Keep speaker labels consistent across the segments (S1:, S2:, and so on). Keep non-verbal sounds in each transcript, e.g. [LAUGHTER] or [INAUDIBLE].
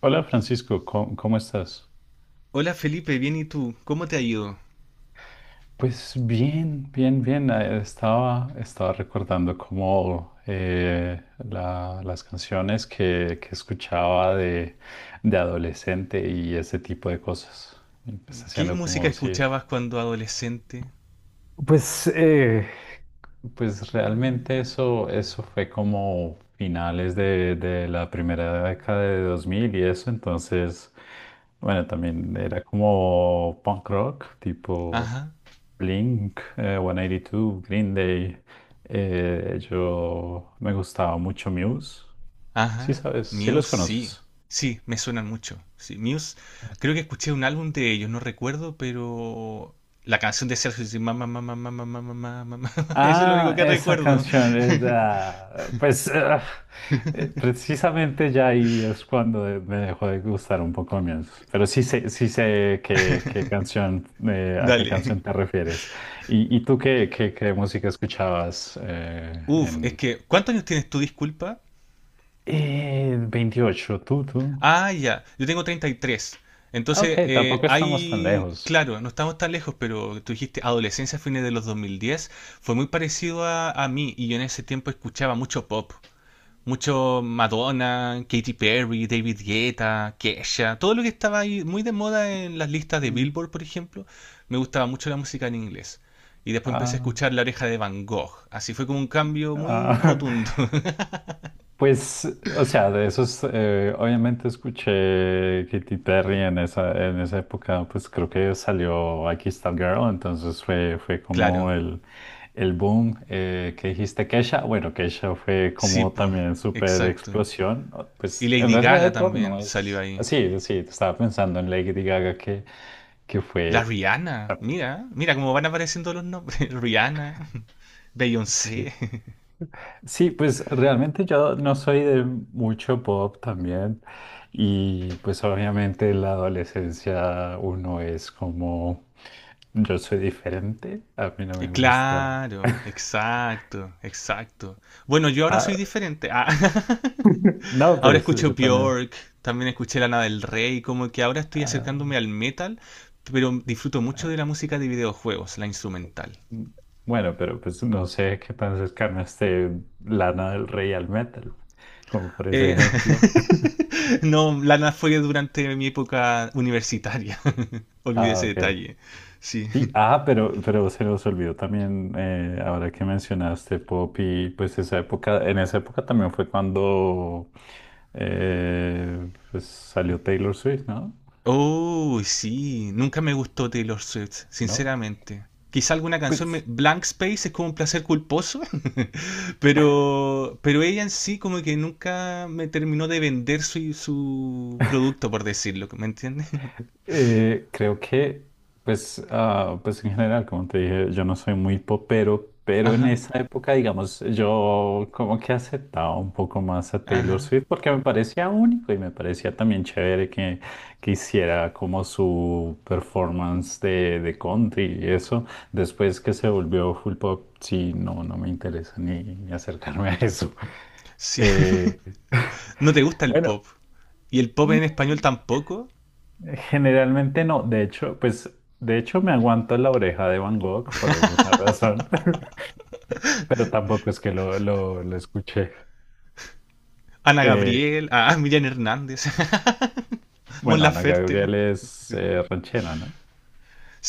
S1: Hola Francisco, ¿cómo estás?
S2: Hola Felipe, bien, ¿y tú, cómo te ha ido?
S1: Pues bien, bien, bien. Estaba recordando cómo la- las canciones que escuchaba de adolescente y ese tipo de cosas. Empecé
S2: ¿Qué
S1: haciendo
S2: música
S1: como, sí.
S2: escuchabas cuando adolescente?
S1: Pues eh, Pues realmente eso, eso fue como finales de la primera década de 2000 y eso, entonces, bueno, también era como punk rock, tipo
S2: Ajá,
S1: Blink, 182, Green Day. Yo me gustaba mucho Muse. Sí,
S2: ajá.
S1: sabes, sí los
S2: Muse sí,
S1: conoces.
S2: sí, me suenan mucho. Sí, Muse, creo que escuché un álbum de ellos, no recuerdo, pero la canción de Sergio dice mamá, mamá, mamá, mamá, mamá, mamá, [LAUGHS] eso es lo único
S1: Ah,
S2: que
S1: esa
S2: recuerdo.
S1: canción es, ah, pues ah, precisamente ya ahí es cuando me dejó de gustar un poco menos. Pero sí sé qué,
S2: [LAUGHS]
S1: qué canción, a qué
S2: Dale.
S1: canción te refieres. ¿Y tú qué, qué, qué música escuchabas eh,
S2: Uf, es
S1: en
S2: que, ¿cuántos años tienes tú, disculpa?
S1: eh, 28? ¿Tú?
S2: Ah, ya. Yo tengo 33.
S1: Ah, ok,
S2: Entonces,
S1: tampoco estamos tan
S2: hay,
S1: lejos.
S2: claro, no estamos tan lejos, pero tú dijiste adolescencia, fines de los 2010, fue muy parecido a mí, y yo en ese tiempo escuchaba mucho pop, mucho Madonna, Katy Perry, David Guetta, Kesha, todo lo que estaba ahí muy de moda en las listas de
S1: Mm.
S2: Billboard, por ejemplo, me gustaba mucho la música en inglés. Y después empecé a
S1: Ah,
S2: escuchar La Oreja de Van Gogh. Así fue como un cambio muy
S1: ah.
S2: rotundo.
S1: [LAUGHS]
S2: [LAUGHS]
S1: Pues, o sea, de esos, obviamente escuché Katy Perry en esa época, pues creo que salió Aquí está el Girl, entonces fue, fue
S2: Claro,
S1: como el boom que dijiste Kesha. Bueno, Kesha fue
S2: sí,
S1: como
S2: pues,
S1: también súper
S2: exacto.
S1: explosión, ¿no?
S2: Y
S1: Pues en
S2: Lady
S1: realidad
S2: Gaga
S1: el pop no
S2: también salió
S1: es
S2: ahí.
S1: así, sí, estaba pensando en Lady Gaga que
S2: La
S1: fue.
S2: Rihanna, mira, mira cómo van apareciendo los nombres. [LAUGHS] Rihanna,
S1: Sí,
S2: Beyoncé. [LAUGHS]
S1: sí, pues realmente yo no soy de mucho pop también y pues obviamente en la adolescencia uno es como yo soy diferente, a mí no me gusta.
S2: Claro, exacto, exacto. Bueno, yo ahora soy
S1: Ah,
S2: diferente. Ah, [LAUGHS]
S1: no,
S2: ahora
S1: pues
S2: escucho
S1: yo también.
S2: Bjork, también escuché Lana del Rey, como que ahora estoy
S1: Ah,
S2: acercándome al metal, pero disfruto mucho
S1: ah,
S2: de la música de videojuegos, la instrumental.
S1: mm, bueno, pero pues no sé qué tan cercano esté Lana del Rey al metal, como por ese
S2: Eh,
S1: ejemplo. [LAUGHS]
S2: [LAUGHS] no, Lana fue durante mi época universitaria. [LAUGHS] Olvidé
S1: Ah,
S2: ese
S1: ok.
S2: detalle. Sí.
S1: Sí, ah, pero se nos olvidó también, ahora que mencionaste pop y pues esa época, en esa época también fue cuando salió Taylor Swift, ¿no?
S2: Oh, sí. Nunca me gustó Taylor Swift,
S1: ¿No?
S2: sinceramente. Quizá alguna canción,
S1: Pues
S2: Blank Space es como un placer culposo, [LAUGHS] pero ella en sí como que nunca me terminó de vender su, su producto, por decirlo, ¿me entiendes? [LAUGHS]
S1: Eh, creo que, pues, ah, pues en general, como te dije, yo no soy muy popero, pero en
S2: Ajá,
S1: esa época, digamos, yo como que aceptaba un poco más a Taylor
S2: ajá,
S1: Swift porque me parecía único y me parecía también chévere que hiciera como su performance de country y eso. Después que se volvió full pop, sí, no, no me interesa ni, ni acercarme a eso.
S2: sí.
S1: Eh,
S2: [LAUGHS] ¿No te gusta el
S1: bueno.
S2: pop? ¿Y el pop en español tampoco?
S1: Generalmente no, de hecho, pues de hecho me aguanto la oreja de Van Gogh por alguna razón, [LAUGHS] pero tampoco es que lo escuché.
S2: Ana
S1: Eh,
S2: Gabriel, ah, Miriam Hernández. [LAUGHS] Mon
S1: bueno, Ana
S2: Laferte.
S1: Gabriel es ranchera, ¿no?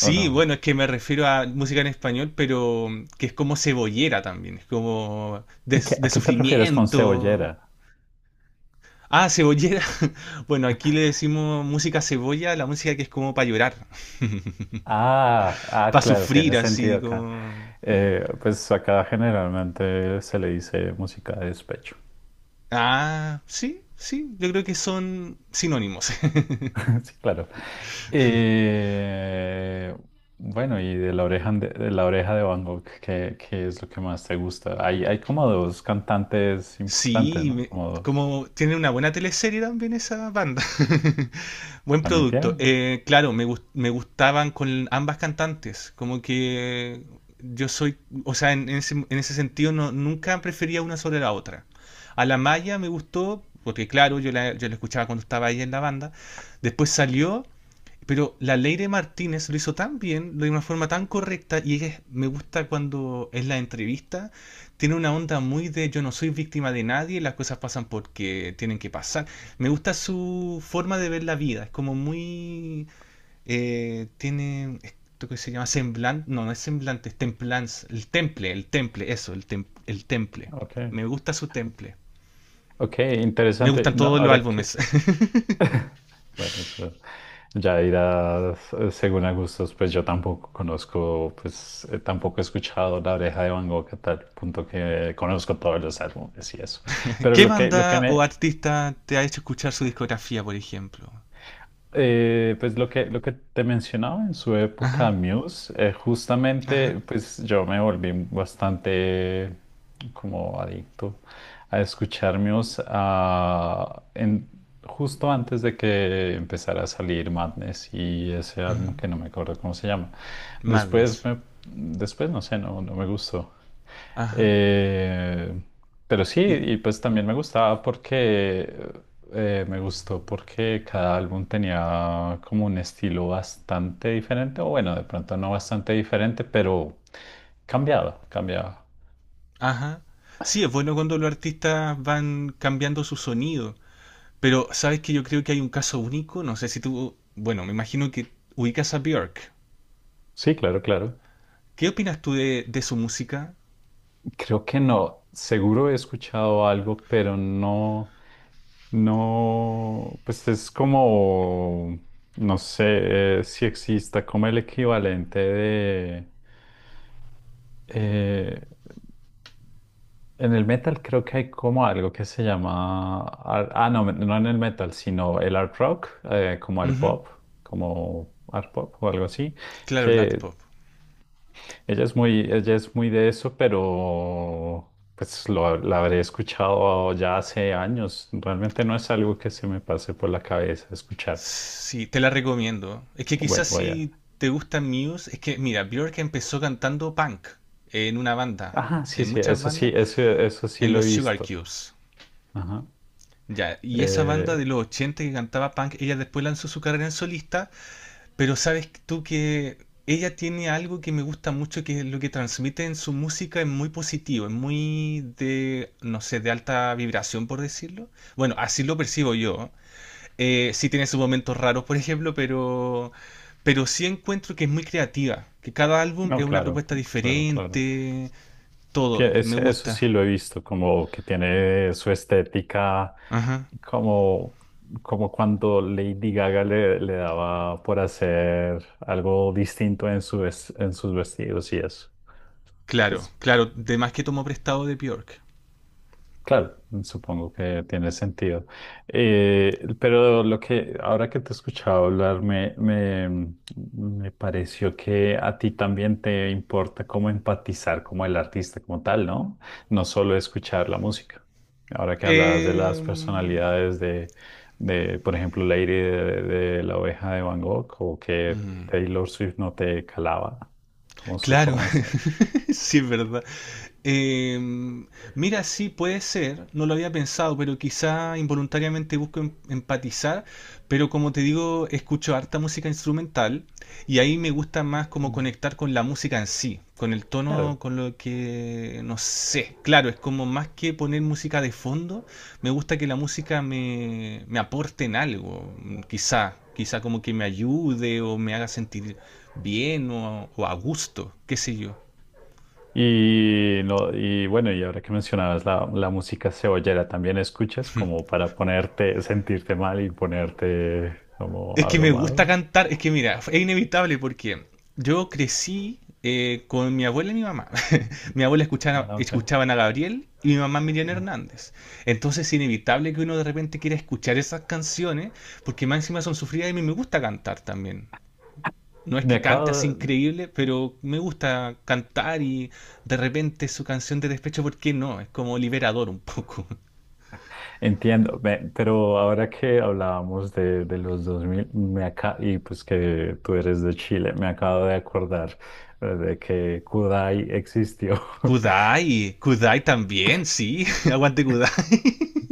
S1: ¿O no?
S2: bueno, es que me refiero a música en español, pero que es como cebollera también, es como
S1: ¿Qué- a
S2: de
S1: qué te refieres con
S2: sufrimiento.
S1: cebollera?
S2: Ah, cebollera. [LAUGHS] Bueno, aquí le decimos música cebolla, la música que es como para llorar, [LAUGHS]
S1: Ah, ah,
S2: para
S1: claro, tiene
S2: sufrir, así
S1: sentido acá.
S2: como...
S1: Pues acá generalmente se le dice música de despecho.
S2: Ah, sí, sí, yo creo que son sinónimos. [LAUGHS]
S1: [LAUGHS] Sí, claro. Eh, bueno, y de la oreja de la oreja de Van Gogh, ¿qué, qué es lo que más te gusta? Hay como dos cantantes importantes,
S2: Sí,
S1: ¿no? Como dos.
S2: como tiene una buena teleserie también esa banda. [LAUGHS] Buen
S1: ¿También
S2: producto.
S1: tienen?
S2: Claro, me, me gustaban con ambas cantantes. Como que yo soy, o sea, en ese sentido no, nunca prefería una sobre la otra. A la Maya me gustó, porque claro, yo la, yo la escuchaba cuando estaba ella en la banda. Después salió, pero la Leire Martínez lo hizo tan bien, lo de una forma tan correcta, y me gusta cuando es la entrevista, tiene una onda muy de yo no soy víctima de nadie, las cosas pasan porque tienen que pasar. Me gusta su forma de ver la vida, es como muy... tiene esto que se llama semblante, no, no es semblante, es templanza, el temple, eso, el temple.
S1: Ok.
S2: Me gusta su temple.
S1: Ok,
S2: Me
S1: interesante.
S2: gustan
S1: No,
S2: todos los
S1: ahora que,
S2: álbumes.
S1: bueno, eso ya irás según a gustos, pues yo tampoco conozco, pues tampoco he escuchado La Oreja de Van Gogh a tal punto que conozco todos los álbumes y eso.
S2: [LAUGHS]
S1: Pero
S2: ¿Qué
S1: lo que
S2: banda
S1: me.
S2: o artista te ha hecho escuchar su discografía, por ejemplo?
S1: Pues lo que te mencionaba en su época
S2: Ajá,
S1: Muse,
S2: ajá.
S1: justamente pues yo me volví bastante como adicto a escuchar Muse justo antes de que empezara a salir Madness y ese álbum
S2: Ujú.
S1: que no me acuerdo cómo se llama. Después
S2: Madness.
S1: me, después no sé, no, no me gustó.
S2: Ajá.
S1: Eh, pero sí,
S2: ¿Y
S1: y pues también me gustaba porque me gustó porque cada álbum tenía como un estilo bastante diferente, o bueno, de pronto no bastante diferente, pero cambiado, cambiado.
S2: Ajá. Sí, es bueno cuando los artistas van cambiando su sonido, pero sabes que yo creo que hay un caso único, no sé si tú, bueno, me imagino que ubicas a Björk.
S1: Sí, claro, claro.
S2: ¿Qué opinas tú de su música?
S1: Creo que no. Seguro he escuchado algo, pero no, no, pues es como, no sé si exista como el equivalente de, eh, en el metal creo que hay como algo que se llama, ar- ah, no, no en el metal, sino el art rock, como el
S2: Ujú.
S1: pop, como art pop o algo así,
S2: Claro, el
S1: que
S2: pop.
S1: ella es muy de eso, pero pues lo, la habré escuchado ya hace años. Realmente no es algo que se me pase por la cabeza escuchar.
S2: Sí, te la recomiendo. Es que quizás
S1: Bueno, voy a...
S2: si te gusta Muse, es que mira, Björk empezó cantando punk en una banda,
S1: Ajá, sí,
S2: en muchas
S1: sí,
S2: bandas,
S1: eso sí
S2: en
S1: lo he
S2: los Sugar
S1: visto.
S2: Cubes.
S1: Ajá.
S2: Ya, y esa banda de
S1: Eh,
S2: los 80 que cantaba punk, ella después lanzó su carrera en solista. Pero sabes tú que ella tiene algo que me gusta mucho, que lo que transmite en su música es muy positivo, es muy de, no sé, de alta vibración, por decirlo. Bueno, así lo percibo yo. Sí tiene sus momentos raros, por ejemplo, pero sí encuentro que es muy creativa, que cada álbum
S1: no,
S2: es una
S1: claro,
S2: propuesta
S1: claro, claro.
S2: diferente, todo,
S1: Tie-
S2: me
S1: es- eso sí
S2: gusta.
S1: lo he visto, como que tiene su estética,
S2: Ajá.
S1: como, como cuando Lady Gaga le, le daba por hacer algo distinto en su, ves- en sus vestidos y eso.
S2: Claro,
S1: Pues.
S2: claro, de más que tomó prestado de Björk.
S1: Claro, supongo que tiene sentido. Pero lo que ahora que te he escuchado hablar, me pareció que a ti también te importa cómo empatizar como el artista como tal, ¿no? No solo escuchar la música. Ahora que hablabas de
S2: Eh,
S1: las personalidades de por ejemplo, Lady de La Oveja de Van Gogh o que
S2: mm,
S1: Taylor Swift no te calaba como su
S2: claro.
S1: forma de estar.
S2: [LAUGHS] [LAUGHS] Sí, es verdad. Eh, mira, sí, puede ser, no lo había pensado, pero quizá involuntariamente busco empatizar, pero como te digo, escucho harta música instrumental y ahí me gusta más como
S1: Mm.
S2: conectar con la música en sí, con el tono,
S1: Claro.
S2: con lo que, no sé, claro, es como más que poner música de fondo, me gusta que la música me, me aporte en algo, mm, quizá, quizá como que me ayude o me haga sentir bien o a gusto, qué sé yo.
S1: Y, no, y bueno, y ahora que mencionabas la, la música cebollera, ¿también escuchas como para ponerte, sentirte mal y ponerte como
S2: Es que me
S1: abrumado?
S2: gusta cantar, es que mira, es inevitable porque yo crecí con mi abuela y mi mamá. [LAUGHS] Mi abuela escuchaba,
S1: Ah, ok.
S2: escuchaban a Gabriel y mi mamá Miriam
S1: No.
S2: Hernández. Entonces es inevitable que uno de repente quiera escuchar esas canciones porque más encima son sufridas y a mí me gusta cantar también. No es
S1: Me
S2: que
S1: acabo,
S2: cante así
S1: de-
S2: increíble, pero me gusta cantar y de repente su canción de despecho, ¿por qué no? Es como liberador un poco. [LAUGHS]
S1: entiendo, me- pero ahora que hablábamos de los 2000 me acá, y pues que tú eres de Chile, me acabo de acordar de que Kudai existió.
S2: Kudai, Kudai también, sí, [LAUGHS] aguante Kudai.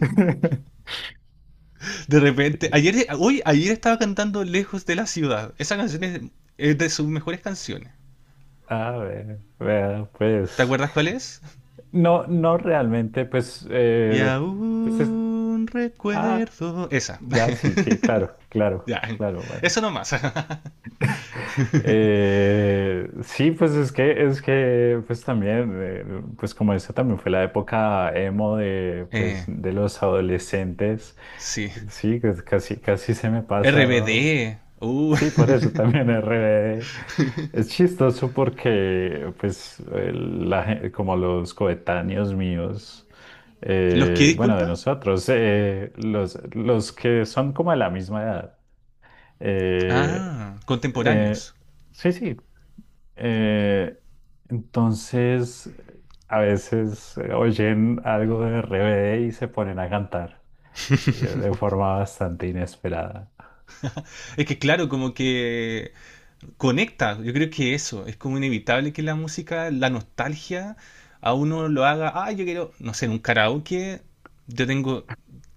S1: [LAUGHS]
S2: De repente,
S1: Sí.
S2: ayer, hoy, ayer estaba cantando Lejos de la Ciudad. Esa canción es de sus mejores canciones.
S1: Ah, ve- vea,
S2: ¿Te
S1: pues.
S2: acuerdas cuál es?
S1: No, no realmente, pues,
S2: Y
S1: de- pues es-
S2: aún
S1: ah,
S2: recuerdo. Esa.
S1: ya sí, sí, claro,
S2: [LAUGHS]
S1: claro,
S2: Ya.
S1: claro, bueno.
S2: Eso nomás.
S1: [LAUGHS] Sí, pues es que, pues también, pues como esa también fue la época emo de, pues,
S2: [LAUGHS] eh,
S1: de los adolescentes,
S2: sí.
S1: sí, pues casi, casi se me pasa.
S2: RBD.
S1: Sí, por eso también es re- es chistoso porque, pues, el- la gen- como los coetáneos míos,
S2: ¿Los que
S1: bueno, de
S2: disculpa?
S1: nosotros, los que son como de la misma edad. eh,
S2: Ah,
S1: eh,
S2: contemporáneos.
S1: sí, sí. eh, entonces, a veces oyen algo de RBD y se ponen a cantar, de forma bastante inesperada.
S2: Es que claro, como que conecta. Yo creo que eso, es como inevitable que la música, la nostalgia, a uno lo haga, ah, yo quiero, no sé, en un karaoke, yo tengo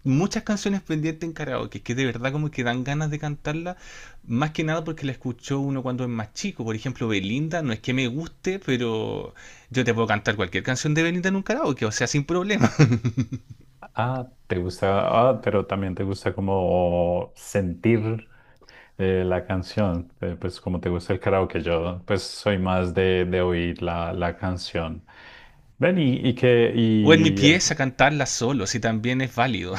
S2: muchas canciones pendientes en karaoke, que de verdad como que dan ganas de cantarla, más que nada porque la escuchó uno cuando es más chico. Por ejemplo, Belinda, no es que me guste, pero yo te puedo cantar cualquier canción de Belinda en un karaoke, o sea, sin problema. [LAUGHS]
S1: Ah, te gusta, ah, pero también te gusta como sentir la canción, pues como te gusta el karaoke, yo pues soy más de oír la, la canción. Ven y que,
S2: O en mi
S1: y
S2: pieza
S1: el,
S2: cantarla solo, si también es válido.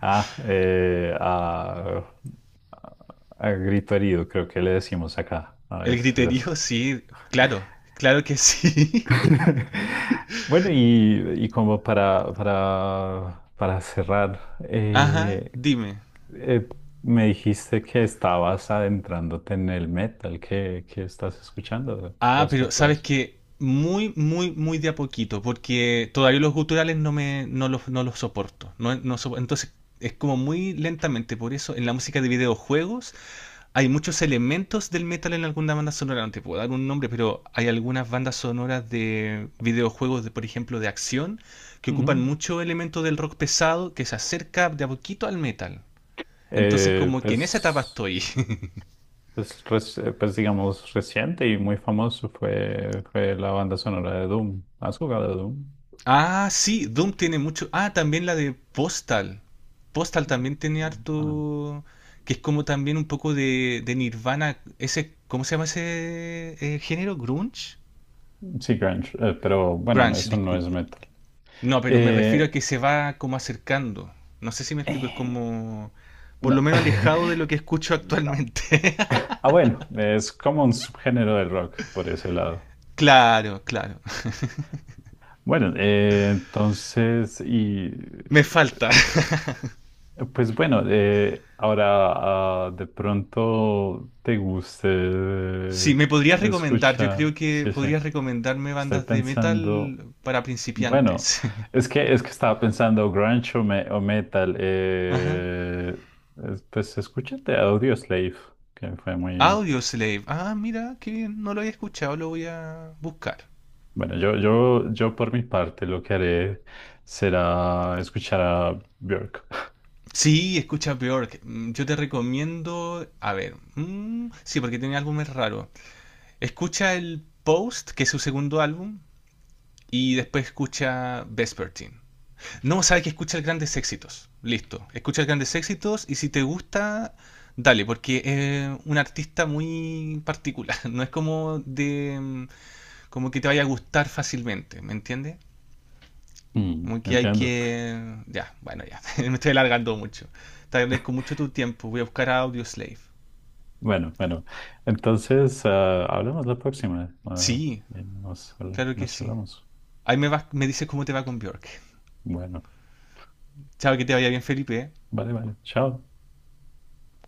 S1: ah, eh, ah, a grito herido, creo que le decimos acá,
S2: [LAUGHS]
S1: a
S2: El
S1: veces
S2: griterío,
S1: eso.
S2: sí, claro, claro que sí. [LAUGHS]
S1: [LAUGHS] Bueno, y como para cerrar,
S2: Ajá,
S1: eh.
S2: dime.
S1: Eh, me dijiste que estabas adentrándote en el metal. ¿Qué, qué estás escuchando
S2: Ah, pero
S1: respecto a
S2: sabes
S1: eso?
S2: que muy, muy, muy de a poquito, porque todavía los guturales no me, no los, no los soporto. No, entonces es como muy lentamente, por eso en la música de videojuegos hay muchos elementos del metal en alguna banda sonora. No te puedo dar un nombre, pero hay algunas bandas sonoras de videojuegos, de, por ejemplo, de acción, que ocupan
S1: Ujú.
S2: mucho elemento del rock pesado que se acerca de a poquito al metal. Entonces
S1: Eh,
S2: como que en esa etapa
S1: pues,
S2: estoy. [LAUGHS]
S1: pues, reci- pues, digamos, reciente y muy famoso fue, fue la banda sonora de Doom. ¿Has jugado a Doom?
S2: Ah, sí, Doom tiene mucho. Ah, también la de Postal. Postal también tiene
S1: Ah, no.
S2: harto. Que es como también un poco de Nirvana. Ese, ¿cómo se llama ese género? ¿Grunge?
S1: Sí, grunge, pero bueno, no,
S2: Grunge,
S1: eso no es
S2: disculpe.
S1: metal.
S2: No, pero me refiero a
S1: Eh,
S2: que se va como acercando. No sé si me explico, es
S1: eh,
S2: como... Por lo
S1: no.
S2: menos alejado de
S1: [LAUGHS]
S2: lo que escucho
S1: No.
S2: actualmente. [LAUGHS]
S1: Ah, bueno, es como un subgénero del rock por ese lado.
S2: Claro, claro.
S1: Bueno, entonces, y
S2: Me falta.
S1: pues bueno, ahora de pronto te guste
S2: Sí, me podrías recomendar. Yo creo
S1: escuchar.
S2: que
S1: Sí, sí.
S2: podrías recomendarme
S1: Estoy
S2: bandas de
S1: pensando.
S2: metal para
S1: Bueno,
S2: principiantes.
S1: es que estaba pensando grunge o, me- o metal.
S2: [LAUGHS] Ajá.
S1: Es- pues escúchate Audioslave, que fue muy.
S2: Audio Slave. Ah, mira, qué bien. No lo había escuchado, lo voy a buscar.
S1: Bueno, yo por mi parte lo que haré será escuchar a Björk. [LAUGHS]
S2: Sí, escucha peor. Mm, yo te recomiendo. A ver. Mm, sí, porque tiene álbumes raros. Escucha el Post, que es su segundo álbum. Y después escucha Vespertine. No, sabes que escucha el Grandes Éxitos. Listo. Escucha el Grandes Éxitos. Y si te gusta, dale, porque es un artista muy particular. [LAUGHS] No es como de. Como que te vaya a gustar fácilmente. ¿Me entiendes?
S1: Mm,
S2: Como que hay
S1: entiendo.
S2: que... Ya, bueno, ya. [LAUGHS] Me estoy alargando mucho. Te agradezco mucho tu tiempo. Voy a buscar a Audioslave.
S1: Bueno, bueno. Entonces, ah, hablamos la próxima. Ah,
S2: Sí,
S1: y nos,
S2: claro que
S1: nos
S2: sí.
S1: charlamos.
S2: Ahí me, me dices cómo te va con Björk.
S1: Bueno,
S2: Chao, que te vaya bien, Felipe.
S1: vale, vale. Chao.